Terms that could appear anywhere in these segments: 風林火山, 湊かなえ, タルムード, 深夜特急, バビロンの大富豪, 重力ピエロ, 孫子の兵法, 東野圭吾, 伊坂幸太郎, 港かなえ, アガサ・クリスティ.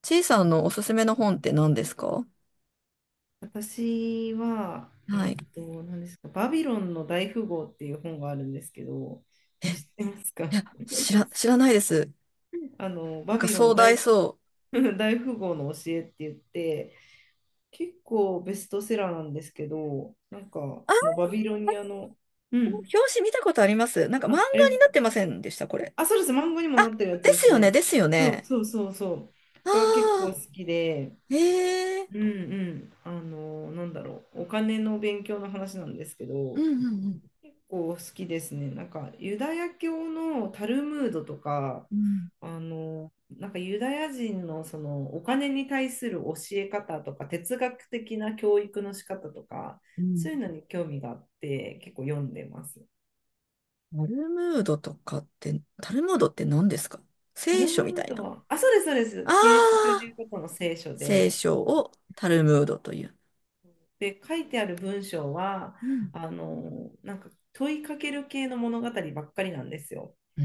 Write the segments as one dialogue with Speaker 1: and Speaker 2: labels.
Speaker 1: ちいさんのおすすめの本って何ですか？
Speaker 2: 私は、
Speaker 1: はい。い
Speaker 2: 何ですか、バビロンの大富豪っていう本があるんですけど、知ってますか？
Speaker 1: や、知ら ないです。な
Speaker 2: バ
Speaker 1: んか
Speaker 2: ビロン
Speaker 1: 壮大
Speaker 2: 大、
Speaker 1: そう。
Speaker 2: 大富豪の教えって言って、結構ベストセラーなんですけど、なんか、その
Speaker 1: あ、
Speaker 2: バビロニアの、う
Speaker 1: この表
Speaker 2: ん、
Speaker 1: 紙見たことあります。なんか漫
Speaker 2: あ、
Speaker 1: 画に
Speaker 2: ありま
Speaker 1: なっ
Speaker 2: す。
Speaker 1: てませんでした、これ？
Speaker 2: あ、そうです、漫画にもな
Speaker 1: あ、
Speaker 2: ってるやつ
Speaker 1: で
Speaker 2: で
Speaker 1: す
Speaker 2: す
Speaker 1: よね、
Speaker 2: ね。
Speaker 1: ですよ
Speaker 2: そう
Speaker 1: ね。
Speaker 2: そうそうそう。が結
Speaker 1: あ
Speaker 2: 構好きで、
Speaker 1: あ、え
Speaker 2: うんう
Speaker 1: え。
Speaker 2: ん、なんだろう、お金の勉強の話なんですけ
Speaker 1: う
Speaker 2: ど、
Speaker 1: んうん
Speaker 2: 構好きですね。なんかユダヤ教のタルムードとか、なんかユダヤ人のそのお金に対する教え方とか哲学的な教育の仕方とか、
Speaker 1: うん。うん。
Speaker 2: そういうのに興味があって結構読んでます。
Speaker 1: タルムードとかって、タルムードって何ですか？
Speaker 2: タ
Speaker 1: 聖
Speaker 2: ル
Speaker 1: 書
Speaker 2: ム
Speaker 1: みた
Speaker 2: ー
Speaker 1: い
Speaker 2: ド
Speaker 1: な。
Speaker 2: は、あ、そうです、そうです。
Speaker 1: あ
Speaker 2: キリスト教とい
Speaker 1: あ、
Speaker 2: うことの聖書
Speaker 1: 聖
Speaker 2: で、
Speaker 1: 書をタルムードという。
Speaker 2: で、書いてある文章は、
Speaker 1: うん。
Speaker 2: なんか問いかける系の物語ばっかりなんですよ。
Speaker 1: うー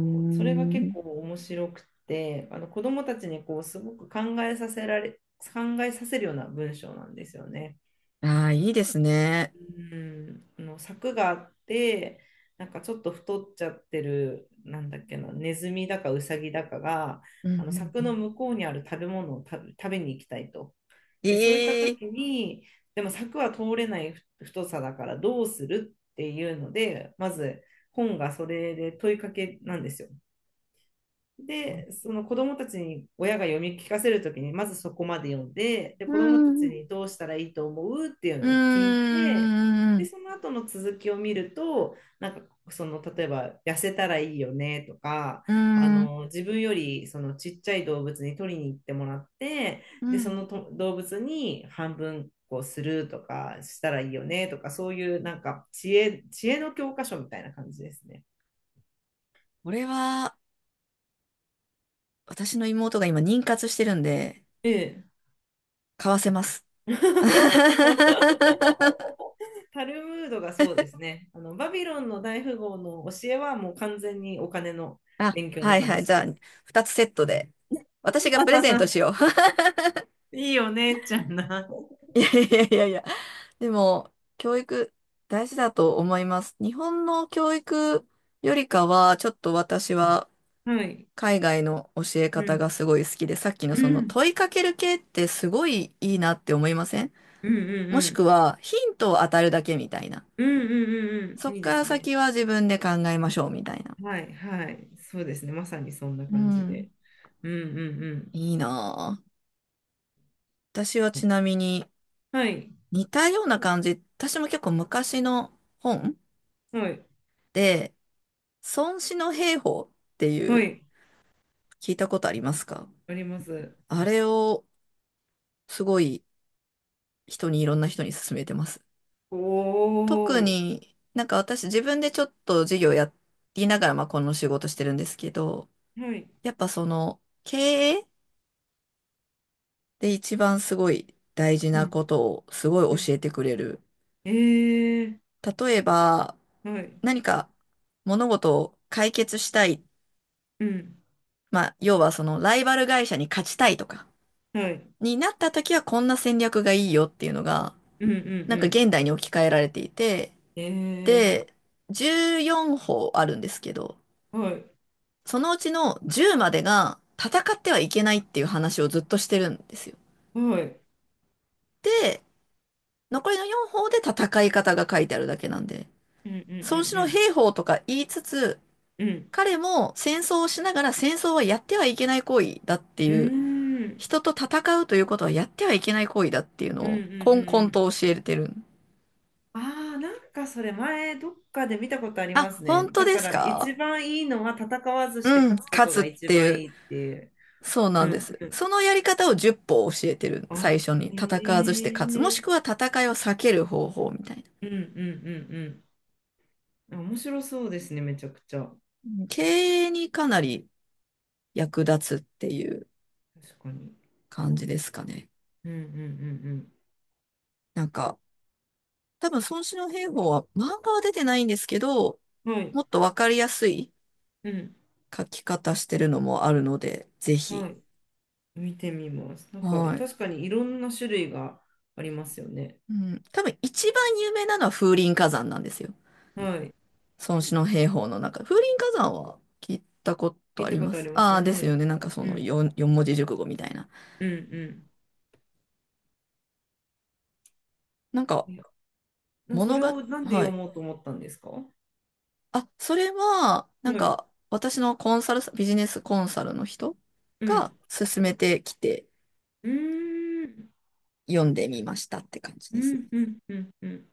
Speaker 2: こうそれが結構面白くて、あの子どもたちにこうすごく考えさせるような文章なんですよね。
Speaker 1: ああ、いいですね。
Speaker 2: うん、あの柵があって、なんかちょっと太っちゃってる、なんだっけな、ネズミだかウサギだかが、
Speaker 1: うんう
Speaker 2: あの
Speaker 1: んう
Speaker 2: 柵の
Speaker 1: ん。
Speaker 2: 向こうにある物を食べ、食べに行きたいと。で、そういった
Speaker 1: ええ。
Speaker 2: 時に、でも柵は通れないふ太さだからどうするっていうので、まず本がそれで問いかけなんですよ。で、その子供たちに親が読み聞かせるときに、まずそこまで読んで、で、
Speaker 1: う
Speaker 2: 子供た
Speaker 1: ん、
Speaker 2: ち
Speaker 1: うん
Speaker 2: にどうしたらいいと思うっていう
Speaker 1: う
Speaker 2: のを聞いて、
Speaker 1: ん、
Speaker 2: で、
Speaker 1: う
Speaker 2: その後の続きを見ると、なんか、その、例えば、痩せたらいいよねとか、
Speaker 1: ん、
Speaker 2: 自分より、その、ちっちゃい動物に取りに行ってもらって、
Speaker 1: う
Speaker 2: で、そ
Speaker 1: ん。
Speaker 2: のと動物に半分、こうするとかしたらいいよねとか、そういうなんか知恵の教科書みたいな感じですね。
Speaker 1: これは、私の妹が今妊活してるんで、
Speaker 2: ええ。
Speaker 1: 買わせます。
Speaker 2: タルムードがそうですね。あのバビロンの大富豪の教えはもう完全にお金の
Speaker 1: あ、
Speaker 2: 勉強
Speaker 1: は
Speaker 2: の
Speaker 1: いはい。
Speaker 2: 話
Speaker 1: じゃあ、
Speaker 2: です。
Speaker 1: 二つセットで。私がプレゼントし よ
Speaker 2: いいお姉ちゃんな。
Speaker 1: う。いやいやいやいや。でも、教育、大事だと思います。日本の教育よりかは、ちょっと私は、
Speaker 2: はい。
Speaker 1: 海外の教え
Speaker 2: う
Speaker 1: 方が
Speaker 2: ん。
Speaker 1: すごい好きで、さっきの
Speaker 2: う
Speaker 1: その
Speaker 2: ん。
Speaker 1: 問いかける系ってすごいいいなって思いません？
Speaker 2: うんうん
Speaker 1: も
Speaker 2: う
Speaker 1: しく
Speaker 2: ん。
Speaker 1: はヒントを与えるだけみたいな。
Speaker 2: うんうんうん
Speaker 1: そ
Speaker 2: うん。
Speaker 1: っ
Speaker 2: いいで
Speaker 1: から
Speaker 2: すね。
Speaker 1: 先は自分で考えましょうみたいな。
Speaker 2: はいはい。そうですね。まさにそんな
Speaker 1: う
Speaker 2: 感じ
Speaker 1: ん。
Speaker 2: で。うんうんうん。
Speaker 1: いいなぁ。私はちなみに
Speaker 2: はい。
Speaker 1: 似たような感じ、私も結構昔の本
Speaker 2: はい。
Speaker 1: で、孫子の兵法ってい
Speaker 2: は
Speaker 1: う、
Speaker 2: い。
Speaker 1: 聞いたことありますか？
Speaker 2: あります。
Speaker 1: あれをすごいいろんな人に勧めてます。
Speaker 2: お
Speaker 1: 特
Speaker 2: お。
Speaker 1: になんか私自分でちょっと事業やりながら、まあこの仕事してるんですけど、
Speaker 2: はい。
Speaker 1: やっぱその経営で一番すごい大事
Speaker 2: う
Speaker 1: な
Speaker 2: ん。
Speaker 1: ことをすご
Speaker 2: う
Speaker 1: い
Speaker 2: ん
Speaker 1: 教えてくれる。
Speaker 2: ええ
Speaker 1: 例えば
Speaker 2: ーはい。
Speaker 1: 何か物事を解決したい。
Speaker 2: うん。
Speaker 1: まあ要はそのライバル会社に勝ちたいとか
Speaker 2: はい。
Speaker 1: になった時は、こんな戦略がいいよっていうのが
Speaker 2: うんうん
Speaker 1: なん
Speaker 2: う
Speaker 1: か
Speaker 2: ん。
Speaker 1: 現代に置き換えられていて、
Speaker 2: ええ
Speaker 1: で、14法あるんですけど、
Speaker 2: ーはい。
Speaker 1: そのうちの10までが戦ってはいけないっていう話をずっとしてるんですよ。
Speaker 2: はい。
Speaker 1: で、残りの4法で戦い方が書いてあるだけなんで、
Speaker 2: うんう
Speaker 1: 孫子の
Speaker 2: ん
Speaker 1: 兵法とか言いつつ、
Speaker 2: うんうん。うん。
Speaker 1: 彼も戦争をしながら戦争はやってはいけない行為だって
Speaker 2: う
Speaker 1: いう、
Speaker 2: ーん。
Speaker 1: 人と戦うということはやってはいけない行為だっていうの
Speaker 2: うんう
Speaker 1: を、
Speaker 2: んう
Speaker 1: こん
Speaker 2: ん
Speaker 1: こ
Speaker 2: う
Speaker 1: ん
Speaker 2: ん。
Speaker 1: と教えてる。
Speaker 2: ああ、なんかそれ前どっかで見たことありま
Speaker 1: あ、
Speaker 2: す
Speaker 1: 本
Speaker 2: ね。
Speaker 1: 当
Speaker 2: だ
Speaker 1: で
Speaker 2: か
Speaker 1: す
Speaker 2: ら一
Speaker 1: か？
Speaker 2: 番いいのは戦わずして
Speaker 1: うん、
Speaker 2: 勝つこ
Speaker 1: 勝
Speaker 2: と
Speaker 1: つっ
Speaker 2: が一
Speaker 1: てい
Speaker 2: 番
Speaker 1: う。
Speaker 2: いいっていう。
Speaker 1: そう
Speaker 2: う
Speaker 1: なんで
Speaker 2: ん
Speaker 1: す。
Speaker 2: うん。
Speaker 1: そのやり方を10歩教えてる。
Speaker 2: あ、
Speaker 1: 最初に。
Speaker 2: へ
Speaker 1: 戦わずして勝つ。もし
Speaker 2: え。
Speaker 1: くは戦いを避ける方法みたいな。
Speaker 2: うんうんうんうん。面白そうですね、めちゃくちゃ。
Speaker 1: うん。経営にかなり役立つっていう
Speaker 2: 確かに。
Speaker 1: 感じですかね。
Speaker 2: うんうん
Speaker 1: なんか、多分孫子の兵法は漫画は出てないんですけど、
Speaker 2: うんうん。はい。
Speaker 1: もっとわかりやすい
Speaker 2: うん。
Speaker 1: 書き方してるのもあるので、ぜ
Speaker 2: は
Speaker 1: ひ。
Speaker 2: い。見てみます。なんか
Speaker 1: はい。
Speaker 2: 確かにいろんな種類がありますよね。
Speaker 1: うん。多分一番有名なのは風林火山なんですよ。
Speaker 2: はい。
Speaker 1: 孫子の兵法の中、風林火山は聞いたこと
Speaker 2: 聞い
Speaker 1: あ
Speaker 2: た
Speaker 1: り
Speaker 2: こ
Speaker 1: ま
Speaker 2: とあ
Speaker 1: す。
Speaker 2: ります
Speaker 1: あ
Speaker 2: ね。
Speaker 1: あ、で
Speaker 2: は
Speaker 1: すよ
Speaker 2: い。
Speaker 1: ね。なんかそ
Speaker 2: う
Speaker 1: の
Speaker 2: ん、
Speaker 1: 4、四文字熟語みたいな。
Speaker 2: うん、う
Speaker 1: なんか、
Speaker 2: ん。いや、そ
Speaker 1: 物
Speaker 2: れ
Speaker 1: が、
Speaker 2: をなんで
Speaker 1: は
Speaker 2: 読
Speaker 1: い。
Speaker 2: もうと思ったんですか？は
Speaker 1: あ、それは、なん
Speaker 2: い。
Speaker 1: か、私のコンサルビジネスコンサルの人
Speaker 2: う
Speaker 1: が
Speaker 2: ん。
Speaker 1: 勧めてきて
Speaker 2: うーん。
Speaker 1: 読んでみましたって感じ
Speaker 2: う
Speaker 1: ですね。
Speaker 2: ん、うん、うん、うん。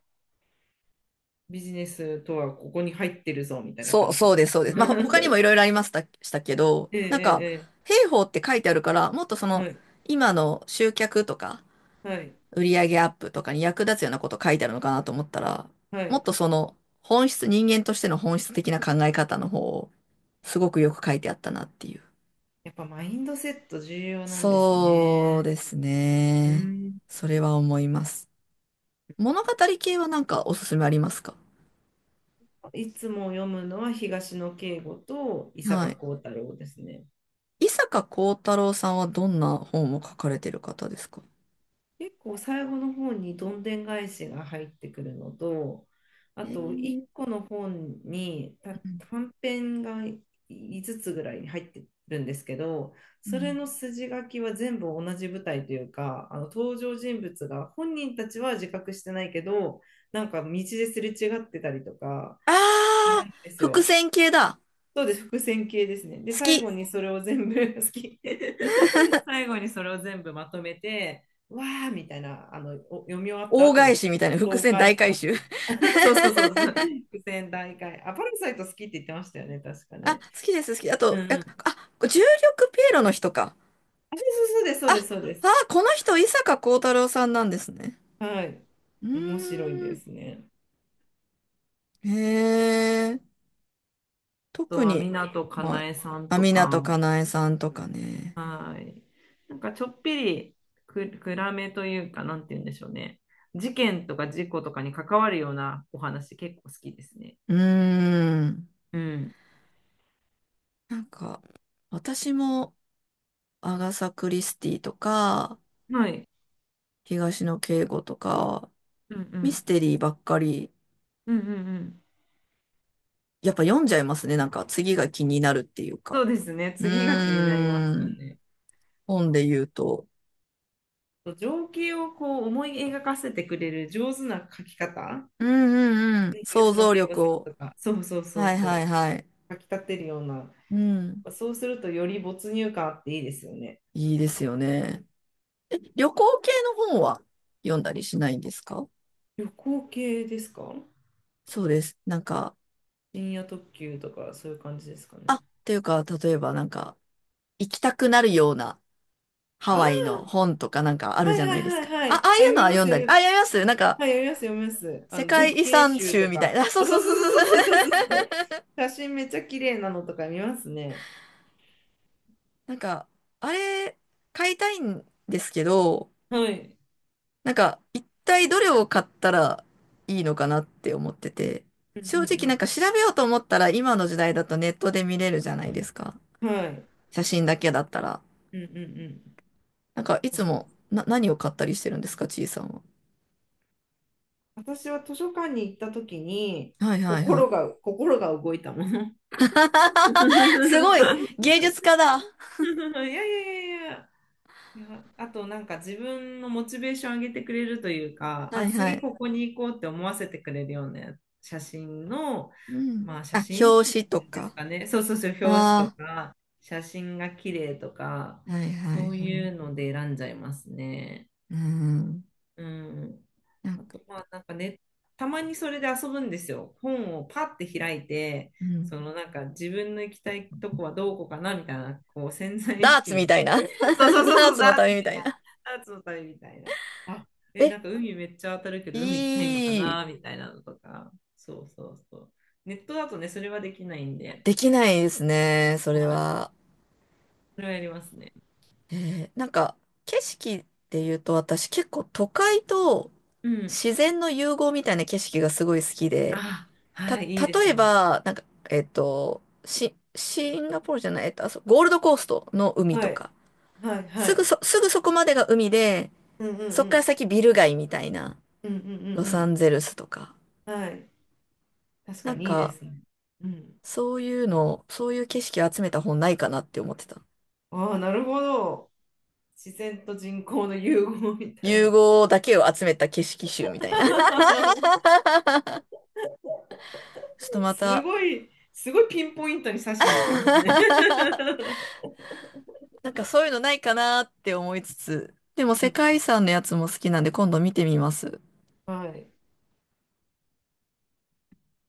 Speaker 2: ビジネスとはここに入ってるぞみたいな
Speaker 1: そう、
Speaker 2: 感じな
Speaker 1: そう
Speaker 2: ん
Speaker 1: で
Speaker 2: で
Speaker 1: す、そうです。まあ、他にも
Speaker 2: す。
Speaker 1: いろ いろありました、したけど、
Speaker 2: え
Speaker 1: なんか、
Speaker 2: え、え
Speaker 1: 兵法って書いてあるから、もっとそ
Speaker 2: え、ええ
Speaker 1: の、
Speaker 2: はい、
Speaker 1: 今の集客とか、
Speaker 2: はい、
Speaker 1: 売り上げアップとかに役立つようなこと書いてあるのかなと思ったら、
Speaker 2: は
Speaker 1: もっ
Speaker 2: い。
Speaker 1: とその本質、人間としての本質的な考え方の方をすごくよく書いてあったなっていう。
Speaker 2: やっぱマインドセット重要なんです
Speaker 1: そう
Speaker 2: ね。
Speaker 1: です
Speaker 2: う
Speaker 1: ね。
Speaker 2: ん。
Speaker 1: それは思います。物語系はなんかおすすめありますか？
Speaker 2: いつも読むのは東野圭吾と伊
Speaker 1: は
Speaker 2: 坂
Speaker 1: い。
Speaker 2: 幸太郎ですね。
Speaker 1: 伊坂幸太郎さんはどんな本を書かれてる方ですか？
Speaker 2: 結構最後の方にどんでん返しが入ってくるのと、あ
Speaker 1: え
Speaker 2: と1
Speaker 1: ー、
Speaker 2: 個の本にた短編が5つつぐらいに入ってるんですけど、
Speaker 1: う
Speaker 2: それ
Speaker 1: ん。
Speaker 2: の筋書きは全部同じ舞台というか、あの登場人物が本人たちは自覚してないけど、なんか道ですれ違ってたりとか
Speaker 1: あ
Speaker 2: する
Speaker 1: あ
Speaker 2: ん
Speaker 1: ー、
Speaker 2: です
Speaker 1: 伏
Speaker 2: よ。
Speaker 1: 線系だ。
Speaker 2: そうです、伏線系ですね。で、
Speaker 1: 好
Speaker 2: 最
Speaker 1: き。
Speaker 2: 後にそれを全部 好き。最後にそれを全部まとめて、わーみたいな、お読み終わった
Speaker 1: 大
Speaker 2: 後
Speaker 1: 返
Speaker 2: の
Speaker 1: しみたいな伏
Speaker 2: 爽
Speaker 1: 線大
Speaker 2: 快
Speaker 1: 回
Speaker 2: 感。
Speaker 1: 収。
Speaker 2: そうそうそうそう。伏線大会。あ、パラサイト好きって言ってましたよね、確か
Speaker 1: あ、好
Speaker 2: ね。
Speaker 1: きです、好き。あ
Speaker 2: う
Speaker 1: と、
Speaker 2: んうん。あ、
Speaker 1: 重力ピエロの人か。
Speaker 2: そうそうそうです、そう
Speaker 1: あ、
Speaker 2: です、そうです。
Speaker 1: あ、この人、伊坂幸太郎さんなんですね。
Speaker 2: はい。
Speaker 1: うーん。
Speaker 2: 面白いですね。
Speaker 1: へえ、
Speaker 2: あと
Speaker 1: 特
Speaker 2: は、
Speaker 1: に、
Speaker 2: 湊か
Speaker 1: まあ、
Speaker 2: なえさん
Speaker 1: あ、
Speaker 2: と
Speaker 1: 港
Speaker 2: か、
Speaker 1: かなえさんとかね。
Speaker 2: はい。なんかちょっぴり暗めというか、なんて言うんでしょうね。事件とか事故とかに関わるようなお話結構好きですね。
Speaker 1: うーん。
Speaker 2: うん。
Speaker 1: なんか、私も、アガサ・クリスティとか、
Speaker 2: はい。
Speaker 1: 東野圭吾とか、
Speaker 2: うんう
Speaker 1: ミス
Speaker 2: ん。
Speaker 1: テリーばっかり、
Speaker 2: うんうんうん。
Speaker 1: やっぱ読んじゃいますね。なんか、次が気になるっていう
Speaker 2: そ
Speaker 1: か。
Speaker 2: うですね。
Speaker 1: う
Speaker 2: 次が気になりま
Speaker 1: ー
Speaker 2: すよ
Speaker 1: ん。
Speaker 2: ね。
Speaker 1: 本で言うと。
Speaker 2: 情景をこう思い描かせてくれる上手な描き方。
Speaker 1: うんうんうん。想
Speaker 2: 東野
Speaker 1: 像
Speaker 2: 圭吾
Speaker 1: 力
Speaker 2: さん
Speaker 1: を。
Speaker 2: とか。そうそうそう
Speaker 1: はい
Speaker 2: そ
Speaker 1: はい
Speaker 2: う。
Speaker 1: はい。
Speaker 2: 描き立てるような。
Speaker 1: うん。
Speaker 2: そうするとより没入感あっていいですよね。
Speaker 1: いいですよね。え、旅行系の本は読んだりしないんですか？
Speaker 2: 旅行系ですか？
Speaker 1: そうです。なんか、
Speaker 2: 深夜特急とかそういう感じですかね。
Speaker 1: っていうか、例えばなんか、行きたくなるようなハワイ
Speaker 2: あ
Speaker 1: の本とかなんかあ
Speaker 2: あ、
Speaker 1: る
Speaker 2: は
Speaker 1: じゃ
Speaker 2: い
Speaker 1: な
Speaker 2: は
Speaker 1: いです
Speaker 2: い
Speaker 1: か。
Speaker 2: はいは
Speaker 1: あ、あ
Speaker 2: い。
Speaker 1: あ
Speaker 2: あ、
Speaker 1: いう
Speaker 2: 読
Speaker 1: の
Speaker 2: み
Speaker 1: は
Speaker 2: ます、
Speaker 1: 読んだ
Speaker 2: 読
Speaker 1: り。
Speaker 2: み、
Speaker 1: あ、読みます。なんか、
Speaker 2: はい、読みます、読みます。
Speaker 1: 世界
Speaker 2: 絶
Speaker 1: 遺
Speaker 2: 景
Speaker 1: 産
Speaker 2: 集
Speaker 1: 集
Speaker 2: と
Speaker 1: みたい
Speaker 2: か。
Speaker 1: な。あ、そう
Speaker 2: あ、そ
Speaker 1: そ
Speaker 2: う
Speaker 1: うそうそう。
Speaker 2: そうそうそうそ うそうそう。写真めっちゃ綺麗なのとか見ますね。
Speaker 1: なんか、あれ、買いたいんですけど、
Speaker 2: はい。
Speaker 1: なんか、一体どれを買ったらいいのかなって思ってて、
Speaker 2: う
Speaker 1: 正
Speaker 2: ん
Speaker 1: 直なんか
Speaker 2: う
Speaker 1: 調べようと思ったら今の時代だとネットで見れるじゃないですか。
Speaker 2: んうん。はい。
Speaker 1: 写真だけだったら。
Speaker 2: うんうんうん。
Speaker 1: なんか、いつ
Speaker 2: 確かに。
Speaker 1: もな、何を買ったりしてるんですか、ちいさんは。
Speaker 2: 私は図書館に行った時に、
Speaker 1: はいはいはい。
Speaker 2: 心が動いたもの。
Speaker 1: すごい芸術家だ。
Speaker 2: いやいやいやいや。いや、あとなんか自分のモチベーション上げてくれるというか、
Speaker 1: は
Speaker 2: あ、
Speaker 1: いは
Speaker 2: 次こ
Speaker 1: い。
Speaker 2: こに行こうって思わせてくれるような写真の、
Speaker 1: うん。
Speaker 2: まあ写
Speaker 1: あ、
Speaker 2: 真
Speaker 1: 表
Speaker 2: 集
Speaker 1: 紙と
Speaker 2: です
Speaker 1: か。
Speaker 2: かね。そうそうそう、表紙と
Speaker 1: あ
Speaker 2: か、写真が綺麗とか、
Speaker 1: あ、はいはい
Speaker 2: そう
Speaker 1: は
Speaker 2: いう
Speaker 1: い。
Speaker 2: ので選んじゃいますね。
Speaker 1: うん。
Speaker 2: うん。
Speaker 1: なん
Speaker 2: あ
Speaker 1: か、
Speaker 2: とまあなんかね、たまにそれで遊ぶんですよ。本をパッて開いて、
Speaker 1: うん。
Speaker 2: そのなんか自分の行きたいとこはどこかなみたいな、こう潜在意
Speaker 1: ダー
Speaker 2: 識
Speaker 1: ツ
Speaker 2: の、
Speaker 1: みたいな。ダ
Speaker 2: そうそうそう
Speaker 1: ー
Speaker 2: そう
Speaker 1: ツの
Speaker 2: だ
Speaker 1: 旅みたいな。
Speaker 2: アーツの旅みたいな。あ、え、
Speaker 1: え、
Speaker 2: なんか海めっちゃ当たるけど、海行きたいのか
Speaker 1: いい。
Speaker 2: なみたいなのとか。そうそうそう。ネットだとね、それはできないんで、
Speaker 1: できないですね、それ
Speaker 2: はい。
Speaker 1: は。
Speaker 2: それはやりますね。
Speaker 1: なんか、景色って言うと、私結構都会と
Speaker 2: うん。
Speaker 1: 自然の融合みたいな景色がすごい好きで、
Speaker 2: あ、
Speaker 1: た、
Speaker 2: はい、いいで
Speaker 1: 例
Speaker 2: す
Speaker 1: え
Speaker 2: ね。
Speaker 1: ば、シンガポールじゃない、えっと、あそゴールドコーストの海
Speaker 2: は
Speaker 1: と
Speaker 2: い、
Speaker 1: か、
Speaker 2: はい、はい。
Speaker 1: すぐそこまでが海で、
Speaker 2: うんうんう
Speaker 1: そっから
Speaker 2: ん。
Speaker 1: 先ビル街みたいな、
Speaker 2: うんうんう
Speaker 1: ロサン
Speaker 2: ん
Speaker 1: ゼルスとか、
Speaker 2: うん。はい。確か
Speaker 1: なん
Speaker 2: にいいで
Speaker 1: か、
Speaker 2: すね。うん。
Speaker 1: そういうの、そういう景色を集めた本ないかなって思ってた。
Speaker 2: ああ、なるほど。自然と人工の融合みたい
Speaker 1: 融
Speaker 2: な。
Speaker 1: 合だけを集めた景色集みたいな。ちょっとま
Speaker 2: す
Speaker 1: た
Speaker 2: ごい、すごいピンポイントに刺しに行きますね。
Speaker 1: なんかそういうのないかなって思いつつ、でも
Speaker 2: う
Speaker 1: 世
Speaker 2: ん、
Speaker 1: 界遺産のやつも好きなんで今度見てみます。
Speaker 2: はい。